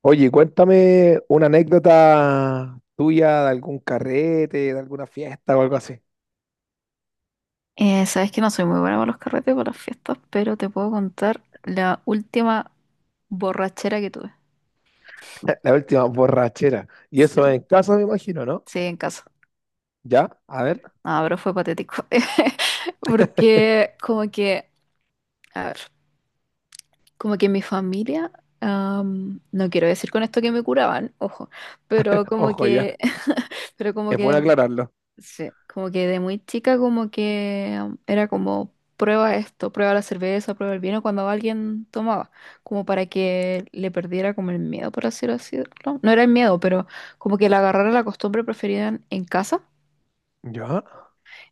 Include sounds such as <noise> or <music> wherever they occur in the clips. Oye, cuéntame una anécdota tuya de algún carrete, de alguna fiesta o algo así. Sabes que no soy muy buena para los carretes, para las fiestas, pero te puedo contar la última borrachera que tuve. <laughs> La última borrachera. Y Sí, eso en casa, me imagino, ¿no? sí, en casa. Ya, a ver, No, pero fue patético. <laughs> <laughs> Porque como que, a ver, como que mi familia, no quiero decir con esto que me curaban, ojo, pero como ojo, ya. que, <laughs> pero como Es que bueno aclararlo. sí, como que de muy chica como que era como prueba esto, prueba la cerveza, prueba el vino cuando alguien tomaba, como para que le perdiera como el miedo, por así decirlo. No era el miedo, pero como que le agarrara la costumbre preferida en casa. Ya,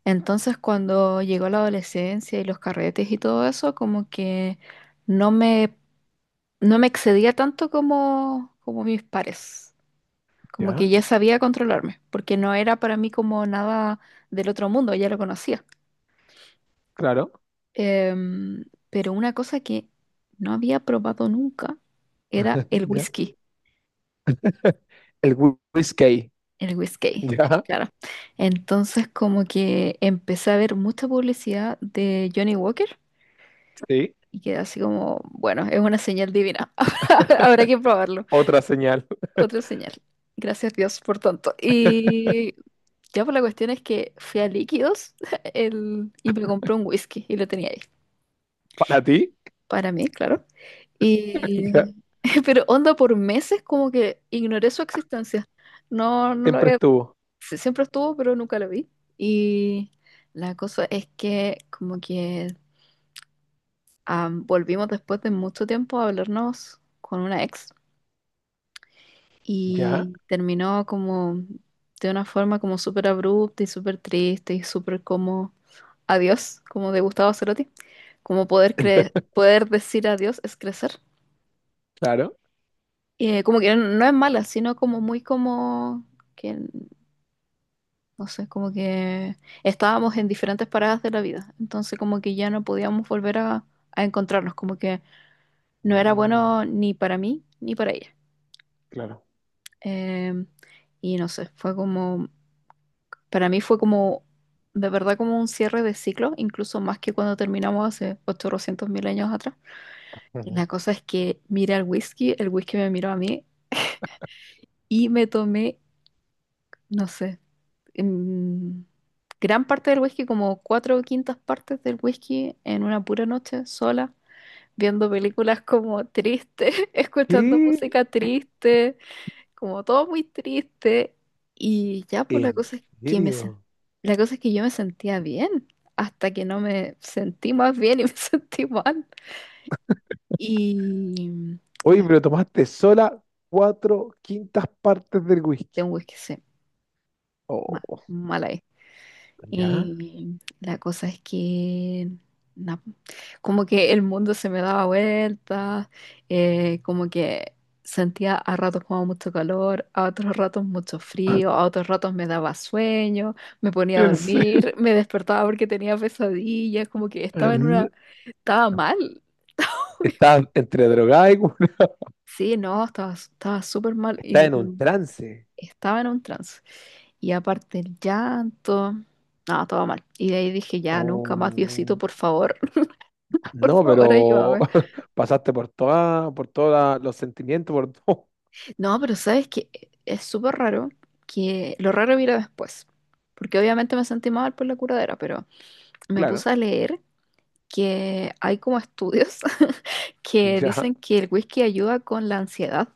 Entonces cuando llegó la adolescencia y los carretes y todo eso, como que no me, no me excedía tanto como mis pares. Como que ya, ya sabía controlarme, porque no era para mí como nada del otro mundo, ya lo conocía. claro. Pero una cosa que no había probado nunca era <laughs> Ya. El whisky. el <laughs> whisky, Ya, claro. Entonces como que empecé a ver mucha publicidad de Johnny Walker sí. y quedé así como, bueno, es una señal divina, <laughs> habrá que probarlo. Otra señal. <laughs> Otra señal. Gracias Dios por tanto. Y ya por la cuestión es que fui a Líquidos <laughs> el, y me compré un whisky y lo tenía ahí. Para ti, Para mí, claro. ya. Y, <laughs> pero onda por meses como que ignoré su existencia. No, no lo Siempre había, estuvo. sí, siempre estuvo, pero nunca lo vi. Y la cosa es que como que volvimos después de mucho tiempo a hablarnos con una ex Ya, y terminó como de una forma como súper abrupta y súper triste y súper como adiós, como de Gustavo Cerati. Como poder decir adiós es crecer. claro. Como que no es mala, sino como muy como que, no sé, como que estábamos en diferentes paradas de la vida, entonces como que ya no podíamos volver a encontrarnos, como que no era Mm, bueno ni para mí ni para ella. claro. Eh, y no sé, fue como, para mí fue como, de verdad como un cierre de ciclo, incluso más que cuando terminamos hace 800.000 años atrás. La Ujú. cosa es que miré al whisky, el whisky me miró a mí y me tomé, no sé. mm, Gran parte del whisky, como cuatro quintas partes del whisky, en una pura noche sola, viendo películas como tristes, <laughs> escuchando ¿Qué? música triste, como todo muy triste. Y ya, pues ¿En serio? la cosa es que yo me sentía bien, hasta que no me sentí más bien y <laughs> me sentí mal. Y Oye, la pero tomaste sola cuatro quintas partes del de whisky. un whisky se ma- Oh, mala. ¿ya? Y la cosa es que, na, como que el mundo se me daba vueltas, como que sentía a ratos como mucho calor, a otros ratos mucho frío, a otros ratos me daba sueño, me ponía a ¿En serio? dormir, me despertaba porque tenía pesadillas, como que En- estaba mal. <laughs> Estás entre drogada Sí, no, estaba súper mal. estás Y, en un trance. estaba en un trance. Y aparte el llanto, no, todo mal. Y de ahí dije, ya, nunca más, Diosito, Oh, por favor, <laughs> por no, favor, pero ayúdame. <laughs> pasaste por toda, por todos los sentimientos, por todo. <laughs> No, pero sabes que es súper raro que lo raro vino después. Porque obviamente me sentí mal por la curadera, pero me Claro. puse a leer que hay como estudios <laughs> que ¿Ya? dicen que el whisky ayuda con la ansiedad.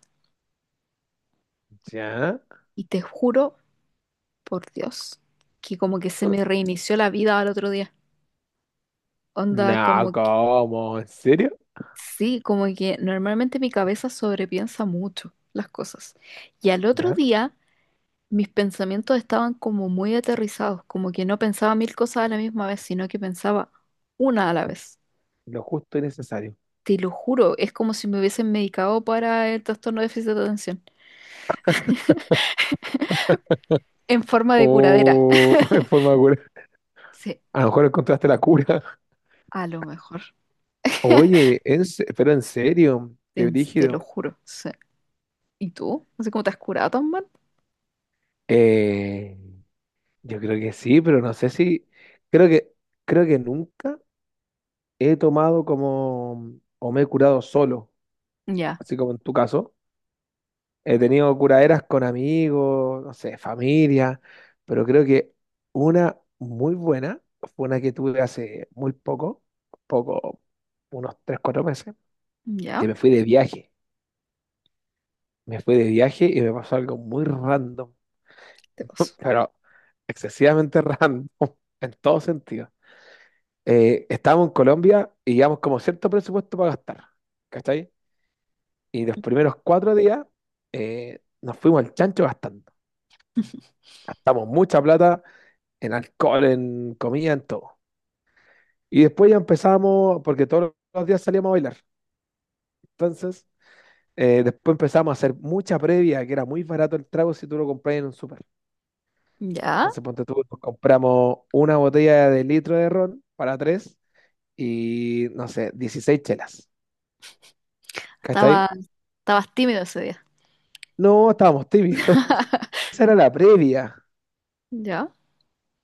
¿Ya? Y te juro, por Dios, que como que se me reinició la vida al otro día. Onda, No, como ¿cómo? ¿En serio? sí, como que normalmente mi cabeza sobrepiensa mucho las cosas. Y al otro ¿Ya? día mis pensamientos estaban como muy aterrizados, como que no pensaba mil cosas a la misma vez, sino que pensaba una a la vez. Lo justo y necesario. Te lo juro, es como si me hubiesen medicado para el trastorno de déficit de atención, en forma de curadera. O <laughs> en <laughs> forma de cura. Sí, A lo mejor encontraste la cura. a lo mejor. <laughs> Oye, pero en serio, Te, qué Te lo brígido. juro. Sí. ¿Y tú? No sé cómo te has curado tan mal. Eh, yo creo que sí, pero no sé si, creo que, creo que nunca he tomado como, o me he curado solo, Ya, así como en tu caso. He tenido curaderas con amigos, no sé, familia, pero creo que una muy buena fue una que tuve hace muy poco, poco, unos 3 4 meses, ya, que me fui de viaje. Me fui de viaje y me pasó algo muy random. te paso. <laughs> Pero excesivamente random <laughs> en todo sentido. Estábamos en Colombia y llevamos como cierto presupuesto para gastar, ¿cachai? Y los primeros 4 días nos fuimos al chancho gastando. <laughs> Gastamos mucha plata en alcohol, en comida, en todo. Y después ya empezamos, porque todos los días salíamos a bailar. Entonces, después empezamos a hacer mucha previa, que era muy barato el trago si tú lo compras en un súper. Ya, Entonces, ponte tú, nos compramos una botella de litro de ron para tres y no sé, 16 chelas, ¿cachai? estaba, estabas tímido ese día. No, estábamos tímidos. <laughs> Esa era la previa, Ya.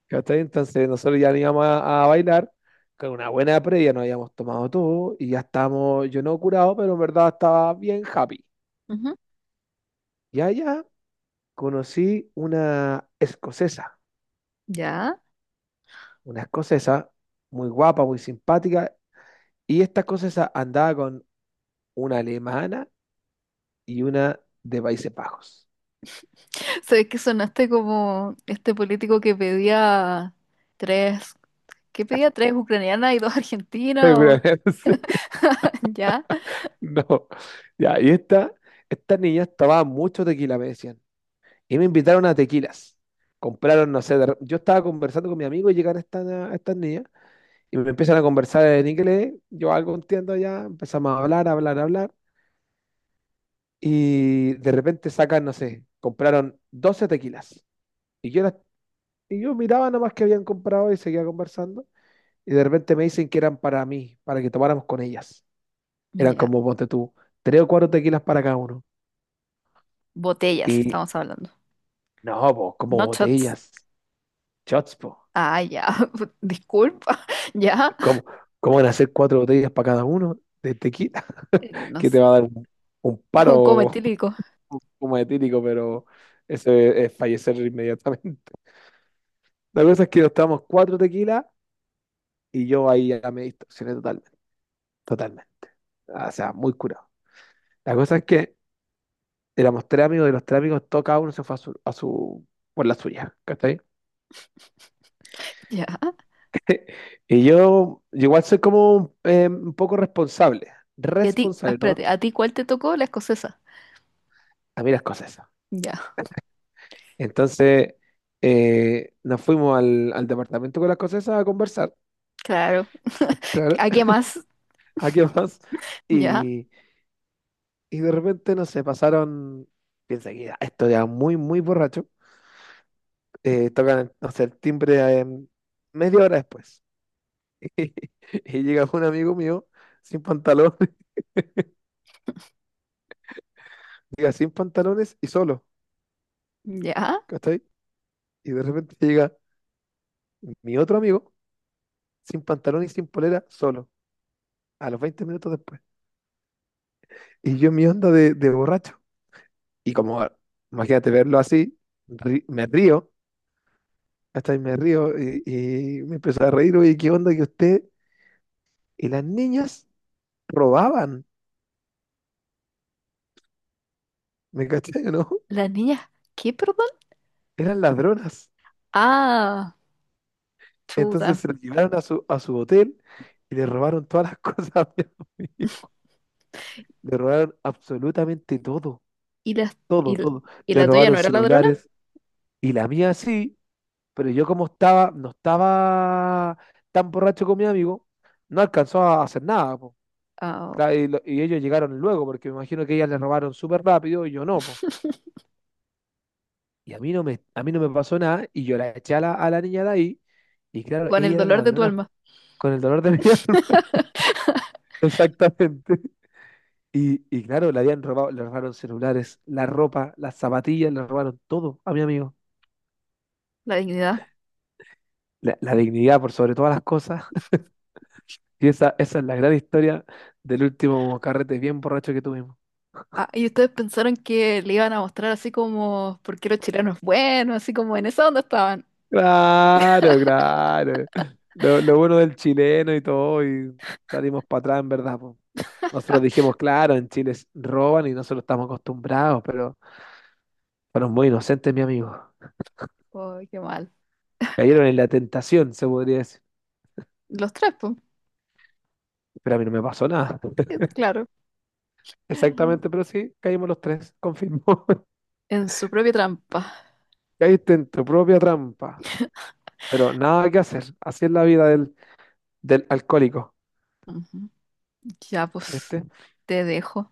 ¿cachai? Entonces nosotros ya no íbamos a bailar, con una buena previa nos habíamos tomado todo y ya estábamos, yo no curado, pero en verdad estaba bien happy. Ujú. Y allá conocí Ya. una escocesa muy guapa, muy simpática, y esta escocesa andaba con una alemana y una de Países Bajos. Sabes que sonaste como este político que pedía tres, que pedía tres ucranianas y dos <laughs> argentinas o Seguramente. Sí. <laughs> ya. No, ya, estas niñas tomaban mucho tequila, me decían. Y me invitaron a tequilas. Compraron, no sé, yo estaba conversando con mi amigo y llegan estas niñas y me empiezan a conversar en inglés. Yo algo entiendo ya, empezamos a hablar, a hablar, a hablar. Y de repente sacan, no sé, compraron 12 tequilas. Y yo, las- y yo miraba nomás que habían comprado y seguía conversando. Y de repente me dicen que eran para mí, para que tomáramos con ellas. Eran Ya. como, ponte tú, tres o cuatro tequilas para cada uno. Botellas estamos hablando. No, po, como No shots. botellas, shots, po. Ah, ya. <laughs> Disculpa. <laughs> Ya. ¿Cómo, cómo van a hacer cuatro botellas para cada uno de tequila? <laughs> No Que te sé. va a dar un, Un coma paro etílico. <laughs> como etílico, pero eso es fallecer inmediatamente. <laughs> La cosa es que nos tomamos cuatro tequilas y yo ahí ya me distorsioné totalmente, totalmente. Ah, o sea, muy curado. La cosa es que éramos tres amigos y los tres amigos, todo cada uno se fue por la suya, ¿cachai? Ya. <laughs> Y yo igual soy como un poco responsable, Y a ti, ah, responsable, ¿no? espérate, ¿a ti cuál te tocó? La escocesa. A mí las cosas. Ya. Entonces nos fuimos al departamento con las cosas esas a conversar, Claro. claro, ¿A qué más? <laughs> ¿a qué más? Ya. Y, y de repente, no sé, pasaron, piensa que ya, esto ya muy, muy borracho, tocan, no sé, el timbre media hora después. <laughs> Y llega un amigo mío sin pantalones, <laughs> llega sin pantalones y solo, Ya. ¿cachai? Y de repente llega mi otro amigo sin pantalones y sin polera, solo, a los 20 minutos después. Y yo en mi onda de borracho. Y como, imagínate verlo así, me río, hasta ahí me río y me empezó a reír, oye, ¿qué onda que usted y las niñas robaban? ¿Me cachai o no? Las niñas. ¿Qué, perdón? <laughs> Eran ladronas. Ah, Entonces chuta. se las llevaron a su hotel y le robaron todas las <laughs> cosas a mi amigo. Le robaron absolutamente todo, Y la, y, todo, todo. y Le la tuya no robaron era ladrona. celulares y la mía sí, pero yo como estaba, no estaba tan borracho con mi amigo, no alcanzó a hacer nada, po. Ah, Claro, y ellos llegaron luego, porque me imagino que ellas les robaron súper rápido y yo no, po. Y a mí no me pasó nada y yo la eché a la niña de ahí y claro, con el ellas eran dolor de tu ladronas alma, con el dolor de mi <laughs> alma. Exactamente. Y claro, le habían robado, le robaron celulares, la ropa, las zapatillas, le robaron todo a mi amigo. la dignidad. La dignidad por sobre todas las cosas. <laughs> Y esa es la gran historia del último carrete bien borracho que tuvimos. Ah, y ustedes pensaron que le iban a mostrar así como por qué los chilenos buenos, así como en esa onda estaban. Claro, claro. Lo bueno del chileno y todo, y salimos para atrás, en verdad. Po. Nosotros dijimos, claro, en Chile roban y nosotros estamos acostumbrados, pero fueron muy inocentes, mi amigo. Oh, qué mal. Cayeron en la tentación, se podría decir. Los tres, pues, Pero a mí no me pasó nada. <laughs> claro, <laughs> Exactamente, pero sí, caímos los tres, confirmó. en su propia trampa. <laughs> Caíste en tu propia trampa. Pero nada que hacer. Así es la vida del alcohólico, Ujú. Ya, pues, ¿viste? te dejo.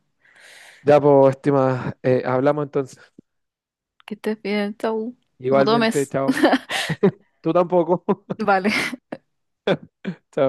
Ya, pues, estimada, hablamos entonces. Que estés bien, chau. No Igualmente, tomes. <laughs> chao. Tú tampoco. <laughs> Vale. Chao.